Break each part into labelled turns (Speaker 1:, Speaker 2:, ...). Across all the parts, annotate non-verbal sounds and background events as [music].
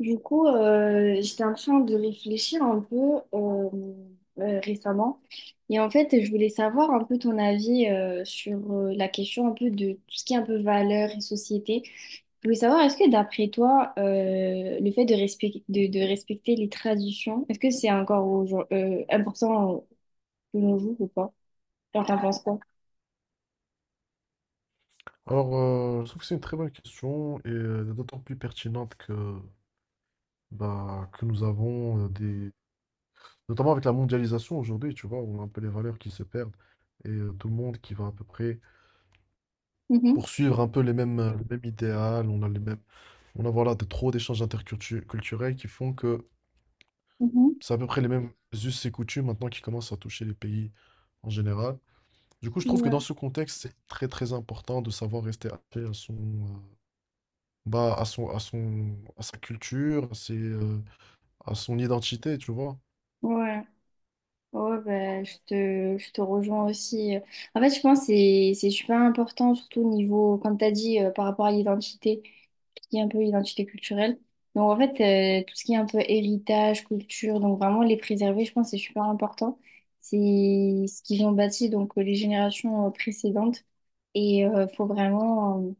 Speaker 1: Du coup, j'étais en train de réfléchir un peu euh, récemment. Et en fait, je voulais savoir un peu ton avis sur la question un peu de tout ce qui est un peu valeurs et société. Je voulais savoir, est-ce que d'après toi, le fait de, de respecter les traditions, est-ce que c'est encore important de nos jours ou pas? Genre, t'en penses quoi?
Speaker 2: Alors, je trouve que c'est une très bonne question et d'autant plus pertinente que, bah, que nous avons euh, des... Notamment avec la mondialisation aujourd'hui, tu vois, on a un peu les valeurs qui se perdent et tout le monde qui va à peu près
Speaker 1: Mhm,
Speaker 2: poursuivre un peu les mêmes, le même idéal, on a les mêmes... On a voilà, de, trop d'échanges culturels qui font que
Speaker 1: mhm,
Speaker 2: c'est à peu près les mêmes us et coutumes maintenant qui commencent à toucher les pays en général. Du coup, je trouve que dans
Speaker 1: ouais,
Speaker 2: ce contexte, c'est très très important de savoir rester attaché à son, bah, à son, à son, à sa culture, à ses, à son identité, tu vois.
Speaker 1: ouais. Ouais, bah, je te rejoins aussi. En fait, je pense que c'est super important, surtout au niveau, comme tu as dit, par rapport à l'identité, qui est un peu l'identité culturelle. Donc, en fait, tout ce qui est un peu héritage, culture, donc vraiment les préserver, je pense que c'est super important. C'est ce qu'ils ont bâti, donc les générations précédentes. Et faut vraiment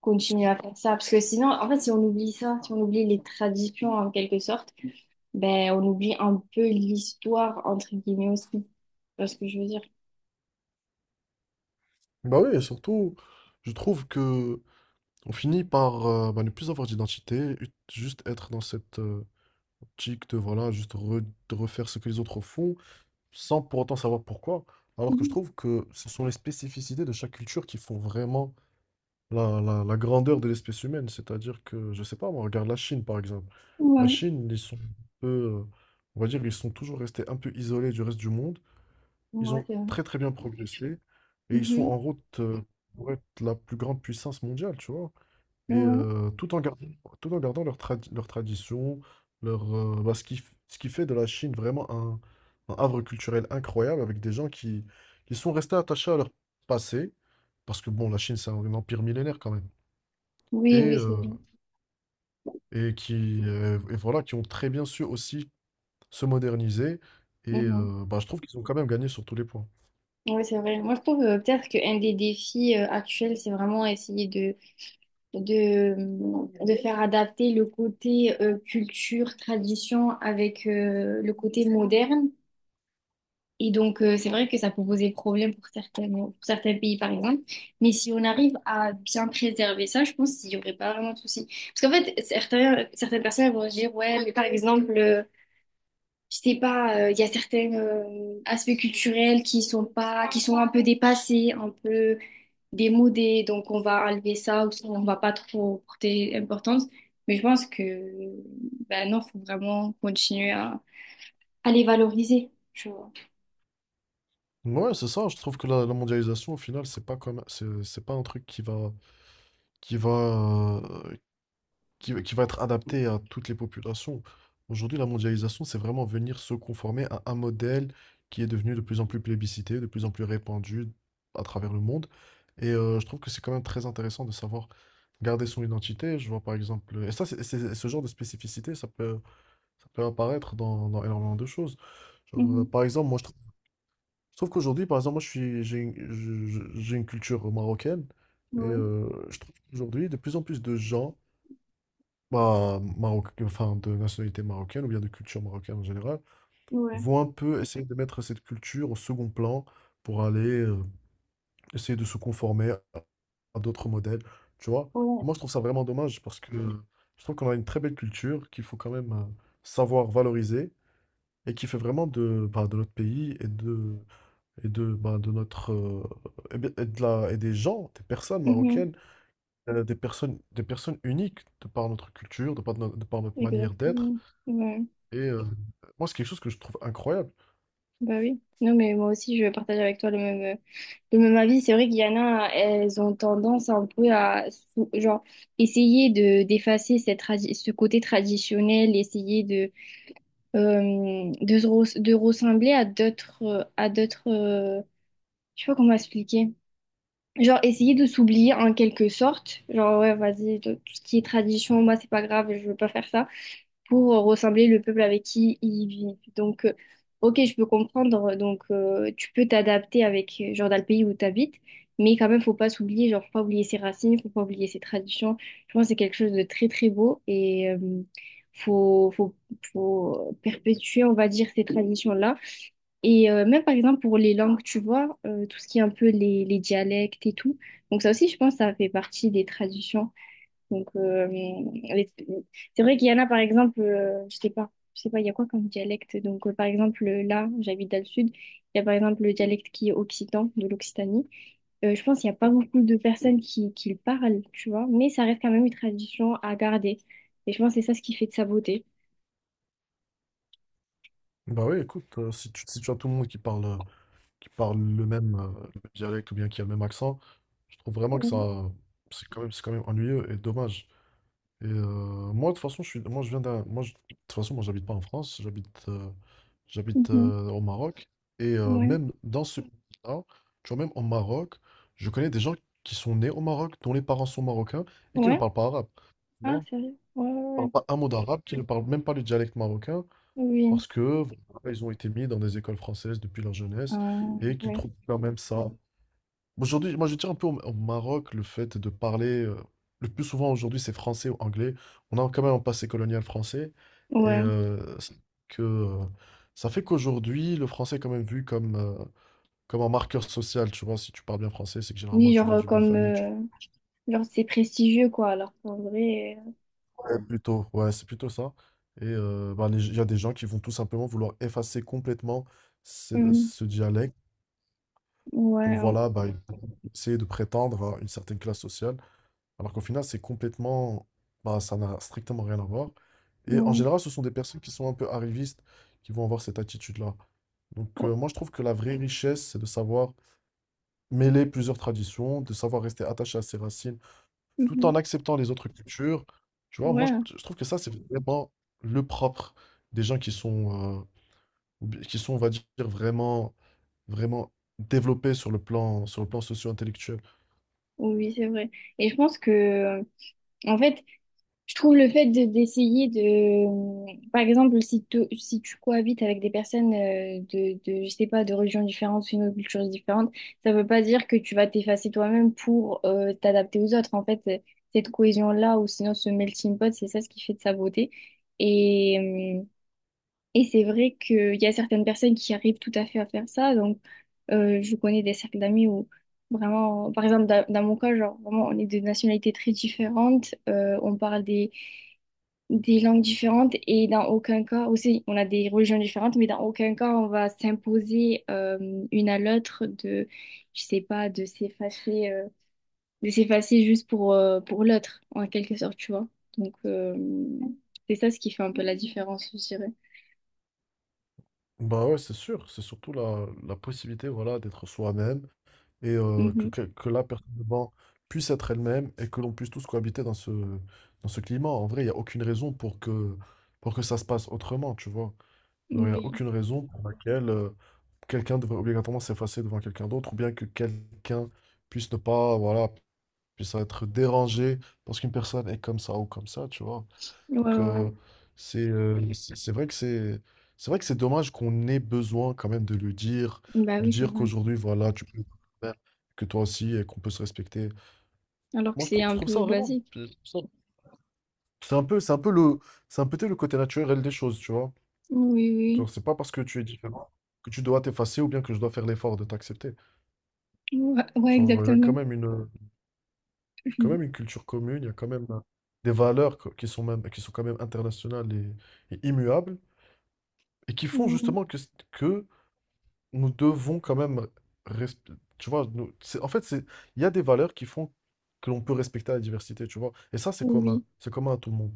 Speaker 1: continuer à faire ça. Parce que sinon, en fait, si on oublie ça, si on oublie les traditions en quelque sorte, ben, on oublie un peu l'histoire, entre guillemets aussi. Tu vois ce que je veux dire?
Speaker 2: Bah oui, et surtout, je trouve que on finit par ne plus avoir d'identité, juste être dans cette optique de voilà, de refaire ce que les autres font, sans pour autant savoir pourquoi. Alors que je
Speaker 1: Mhm.
Speaker 2: trouve que ce sont les spécificités de chaque culture qui font vraiment la, la grandeur de l'espèce humaine. C'est-à-dire que, je sais pas, moi, regarde la Chine, par exemple. La
Speaker 1: Ouais.
Speaker 2: Chine, ils sont un peu, on va dire, ils sont toujours restés un peu isolés du reste du monde. Ils
Speaker 1: Ouais,
Speaker 2: ont
Speaker 1: c'est vrai.
Speaker 2: très, très bien progressé et ils sont
Speaker 1: Mhm.
Speaker 2: en route, pour être la plus grande puissance mondiale, tu vois. Et
Speaker 1: Ouais.
Speaker 2: tout en gardant leur leur tradition, leur, bah, ce qui, ce qui fait de la Chine vraiment un havre culturel incroyable avec des gens qui sont restés attachés à leur passé. Parce que bon, la Chine, c'est un empire millénaire quand même et,
Speaker 1: Oui, oui, c'est
Speaker 2: heu
Speaker 1: vrai.
Speaker 2: et qui, et voilà, qui ont très bien su aussi se moderniser et
Speaker 1: Mhm.
Speaker 2: bah, je trouve qu'ils ont quand même gagné sur tous les points.
Speaker 1: Oui, c'est vrai. Moi, je trouve peut-être qu'un des défis actuels, c'est vraiment essayer de, de faire adapter le côté culture, tradition avec le côté moderne. Et donc, c'est vrai que ça peut poser problème pour certains pays, par exemple. Mais si on arrive à bien préserver ça, je pense qu'il n'y aurait pas vraiment de souci. Parce qu'en fait, certaines personnes elles vont se dire, ouais, mais par exemple, je sais pas, il y a certains aspects culturels qui sont pas, qui sont un peu dépassés, un peu démodés, donc on va enlever ça ou on va pas trop porter importance. Mais je pense que, ben non, faut vraiment continuer à les valoriser.
Speaker 2: Ouais, c'est ça, je trouve que la mondialisation, au final, c'est pas un truc qui va qui va, heu qui va qui va être adapté à toutes les populations. Aujourd'hui, la mondialisation, c'est vraiment venir se conformer à un modèle qui est devenu de plus en plus plébiscité, de plus en plus répandu à travers le monde. Et je trouve que c'est quand même très intéressant de savoir garder son identité. Je vois par exemple, et ça, c'est, ce genre de spécificité, ça peut apparaître dans, dans énormément de choses. Genre, par exemple, moi, je trouve qu'aujourd'hui, par exemple, moi, je suis, j'ai une, j'ai une culture marocaine et
Speaker 1: Ouais,
Speaker 2: je trouve qu'aujourd'hui, de plus en plus de gens bah, Maroc, enfin, de nationalité marocaine ou bien de culture marocaine en général,
Speaker 1: ouais,
Speaker 2: vont un peu essayer de mettre cette culture au second plan pour aller essayer de se conformer à d'autres modèles, tu vois. Et
Speaker 1: ouais.
Speaker 2: moi, je trouve ça vraiment dommage parce que je trouve qu'on a une très belle culture qu'il faut quand même savoir valoriser et qui fait vraiment de, bah, de notre pays et de, bah, de notre, et et de la, et des gens, des personnes
Speaker 1: Mhm.
Speaker 2: marocaines, des personnes uniques de par notre culture, de par de par notre manière d'être.
Speaker 1: Exactement. Ouais.
Speaker 2: Et moi, c'est quelque chose que je trouve incroyable.
Speaker 1: Bah oui. Non, mais moi aussi, je partage avec toi le le même avis. C'est vrai qu'il y en a, elles ont tendance un peu à, genre, essayer d'effacer cette ce côté traditionnel, essayer de ressembler à d'autres, je sais pas comment expliquer. Genre, essayer de s'oublier en quelque sorte. Genre, ouais, vas-y, tout ce qui est tradition, moi, c'est pas grave, je veux pas faire ça. Pour ressembler le peuple avec qui ils vivent. Donc, ok, je peux comprendre. Donc, tu peux t'adapter avec, genre, dans le pays où tu habites, mais quand même, faut pas s'oublier, genre, faut pas oublier ses racines, faut pas oublier ses traditions. Je pense que c'est quelque chose de très, très beau et faut, faut, faut perpétuer, on va dire, ces traditions-là. Et même par exemple pour les langues, tu vois, tout ce qui est un peu les dialectes et tout. Donc ça aussi, je pense, ça fait partie des traditions. Donc, c'est vrai qu'il y en a, par exemple, je sais pas, il y a quoi comme dialecte? Donc, par exemple, là, j'habite dans le sud, il y a par exemple le dialecte qui est occitan, de l'Occitanie. Je pense qu'il n'y a pas beaucoup de personnes qui le parlent, tu vois, mais ça reste quand même une tradition à garder. Et je pense que c'est ça ce qui fait de sa beauté.
Speaker 2: Bah oui, écoute, si tu, si tu as tout le monde qui parle le même dialecte ou bien qui a le même accent, je trouve vraiment que
Speaker 1: Ouais.
Speaker 2: ça, c'est quand même ennuyeux et dommage. Et moi, de toute façon, je suis, moi, je viens d'un, moi, de toute façon, moi, j'habite pas en France, j'habite, j'habite
Speaker 1: Mhm.
Speaker 2: au Maroc. Et
Speaker 1: Ouais.
Speaker 2: même dans ce pays-là, tu vois, même au Maroc, je connais des gens qui sont nés au Maroc, dont les parents sont marocains et qui ne
Speaker 1: Ouais.
Speaker 2: parlent pas arabe. Tu
Speaker 1: Ah,
Speaker 2: vois,
Speaker 1: sérieux? Ouais,
Speaker 2: ils
Speaker 1: ouais, ouais.
Speaker 2: parlent pas un mot d'arabe, qui ne parlent même pas le dialecte marocain.
Speaker 1: Oui.
Speaker 2: Parce que voilà, ils ont été mis dans des écoles françaises depuis leur jeunesse
Speaker 1: Ah,
Speaker 2: et qu'ils
Speaker 1: ouais.
Speaker 2: trouvent quand même ça. Aujourd'hui, moi je tiens un peu au, au Maroc le fait de parler le plus souvent aujourd'hui c'est français ou anglais. On a quand même un passé colonial français et
Speaker 1: Ouais.
Speaker 2: euh, ça fait qu'aujourd'hui le français est quand même vu comme comme un marqueur social. Tu vois, si tu parles bien français, c'est que généralement
Speaker 1: Oui,
Speaker 2: tu
Speaker 1: genre,
Speaker 2: viens d'une bonne
Speaker 1: comme,
Speaker 2: famille.
Speaker 1: genre, c'est prestigieux, quoi, alors qu'en vrai.
Speaker 2: Ouais, plutôt, ouais, c'est plutôt ça. Et bah, il y a des gens qui vont tout simplement vouloir effacer complètement ce,
Speaker 1: Mm.
Speaker 2: ce dialecte pour
Speaker 1: Ouais.
Speaker 2: voilà, bah, essayer de prétendre à une certaine classe sociale, alors qu'au final, c'est complètement, bah, ça n'a strictement rien à voir. Et en
Speaker 1: Oui.
Speaker 2: général, ce sont des personnes qui sont un peu arrivistes qui vont avoir cette attitude-là. Donc,
Speaker 1: Oh,
Speaker 2: moi, je trouve que la vraie richesse, c'est de savoir mêler plusieurs traditions, de savoir rester attaché à ses racines, tout
Speaker 1: mhm.
Speaker 2: en acceptant les autres cultures. Tu vois,
Speaker 1: Ouais.
Speaker 2: moi,
Speaker 1: Hein.
Speaker 2: je trouve que ça, c'est vraiment le propre des gens qui sont, qui sont, on va dire, vraiment, vraiment développés sur le plan socio-intellectuel.
Speaker 1: Oui, oui, c'est vrai. Et je pense que, en fait, je trouve le fait de d'essayer mmh, par exemple, si tu cohabites avec des personnes je sais pas, de religions différentes, une culture différente, ça veut pas dire que tu vas t'effacer toi-même pour t'adapter aux autres. En fait, cette cohésion-là, ou sinon ce melting pot, c'est ça ce qui fait de sa beauté. Et, mmh, et c'est vrai qu'il y a certaines personnes qui arrivent tout à fait à faire ça. Donc, je connais des cercles d'amis où vraiment, par exemple, dans mon cas, genre, vraiment, on est de nationalités très différentes, on parle des langues différentes et dans aucun cas, aussi, on a des religions différentes, mais dans aucun cas, on va s'imposer une à l'autre de, je sais pas, de s'effacer juste pour l'autre, en quelque sorte, tu vois. Donc, c'est ça ce qui fait un peu la différence, je dirais.
Speaker 2: Bah ouais, c'est sûr, c'est surtout la, la possibilité voilà, d'être soi-même et
Speaker 1: Mhm.
Speaker 2: que la personne devant puisse être elle-même et que l'on puisse tous cohabiter dans ce climat. En vrai, il n'y a aucune raison pour que ça se passe autrement, tu vois. Genre, il n'y a
Speaker 1: Oui.
Speaker 2: aucune raison pour laquelle quelqu'un devrait obligatoirement s'effacer devant quelqu'un d'autre ou bien que quelqu'un puisse ne pas, voilà, puisse être dérangé parce qu'une personne est comme ça ou comme ça, tu vois.
Speaker 1: Ouais, ouais.
Speaker 2: Donc,
Speaker 1: Ouais.
Speaker 2: c'est vrai que c'est dommage qu'on ait besoin quand même de le dire,
Speaker 1: Bah
Speaker 2: de
Speaker 1: oui, c'est
Speaker 2: dire
Speaker 1: vrai.
Speaker 2: qu'aujourd'hui, voilà, tu peux faire, que toi aussi, et qu'on peut se respecter.
Speaker 1: Alors que
Speaker 2: Moi,
Speaker 1: c'est
Speaker 2: je
Speaker 1: un
Speaker 2: trouve ça
Speaker 1: peu
Speaker 2: vraiment...
Speaker 1: basique.
Speaker 2: je trouve ça- c'est un peu, c'est un peu le, c'est un peu le côté naturel des choses, tu vois.
Speaker 1: Oui, oui.
Speaker 2: Genre, c'est pas parce que tu es différent que tu dois t'effacer ou bien que je dois faire l'effort de t'accepter.
Speaker 1: Ouais, ouais,
Speaker 2: Genre, il y a
Speaker 1: exactement. [laughs]
Speaker 2: quand
Speaker 1: Mhm.
Speaker 2: même une culture commune, il y a quand même des valeurs qui sont même, qui sont quand même internationales et immuables et qui font
Speaker 1: Ouais.
Speaker 2: justement que, que nous devons quand même, tu vois, c'est, en fait, c'est, il y a des valeurs qui font que l'on peut respecter la diversité, tu vois. Et ça,
Speaker 1: Oui.
Speaker 2: c'est commun à tout le monde.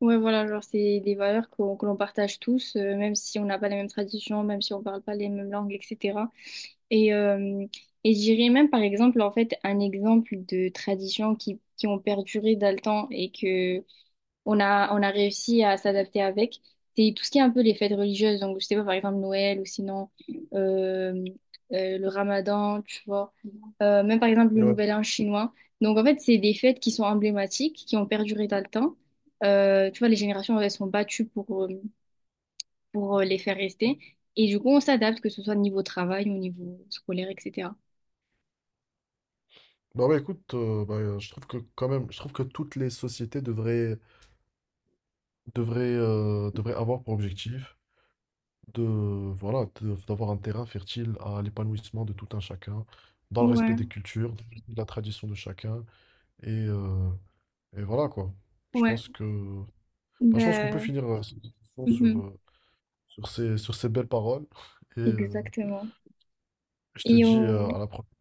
Speaker 1: Ouais, voilà, genre c'est des valeurs qu'on que l'on partage tous, même si on n'a pas les mêmes traditions, même si on parle pas les mêmes langues, etc. Et, euh, et je dirais même, par exemple, en fait, un exemple de tradition qui ont perduré dans le temps et que on a réussi à s'adapter avec. C'est tout ce qui est un peu les fêtes religieuses. Donc, je sais pas, par exemple, Noël ou sinon euh, le Ramadan, tu vois. Même par exemple, le
Speaker 2: Ouais.
Speaker 1: Nouvel An chinois. Donc, en fait, c'est des fêtes qui sont emblématiques, qui ont perduré dans le temps. Tu vois, les générations, elles sont battues pour les faire rester. Et du coup, on s'adapte, que ce soit au niveau travail, au niveau scolaire, etc.
Speaker 2: Bah ouais, écoute, je trouve que quand même, je trouve que toutes les sociétés devraient, devraient, devraient avoir pour objectif de, voilà, d'avoir un terrain fertile à l'épanouissement de tout un chacun, dans le respect
Speaker 1: Ouais,
Speaker 2: des cultures, de la tradition de chacun, et, euh, et voilà quoi. Je
Speaker 1: ouais,
Speaker 2: pense que, bah, je pense qu'on peut
Speaker 1: ben,
Speaker 2: finir cette discussion sur,
Speaker 1: mhm,
Speaker 2: sur ces belles paroles. Et
Speaker 1: exactement.
Speaker 2: je te
Speaker 1: Et
Speaker 2: dis
Speaker 1: on,
Speaker 2: à la prochaine.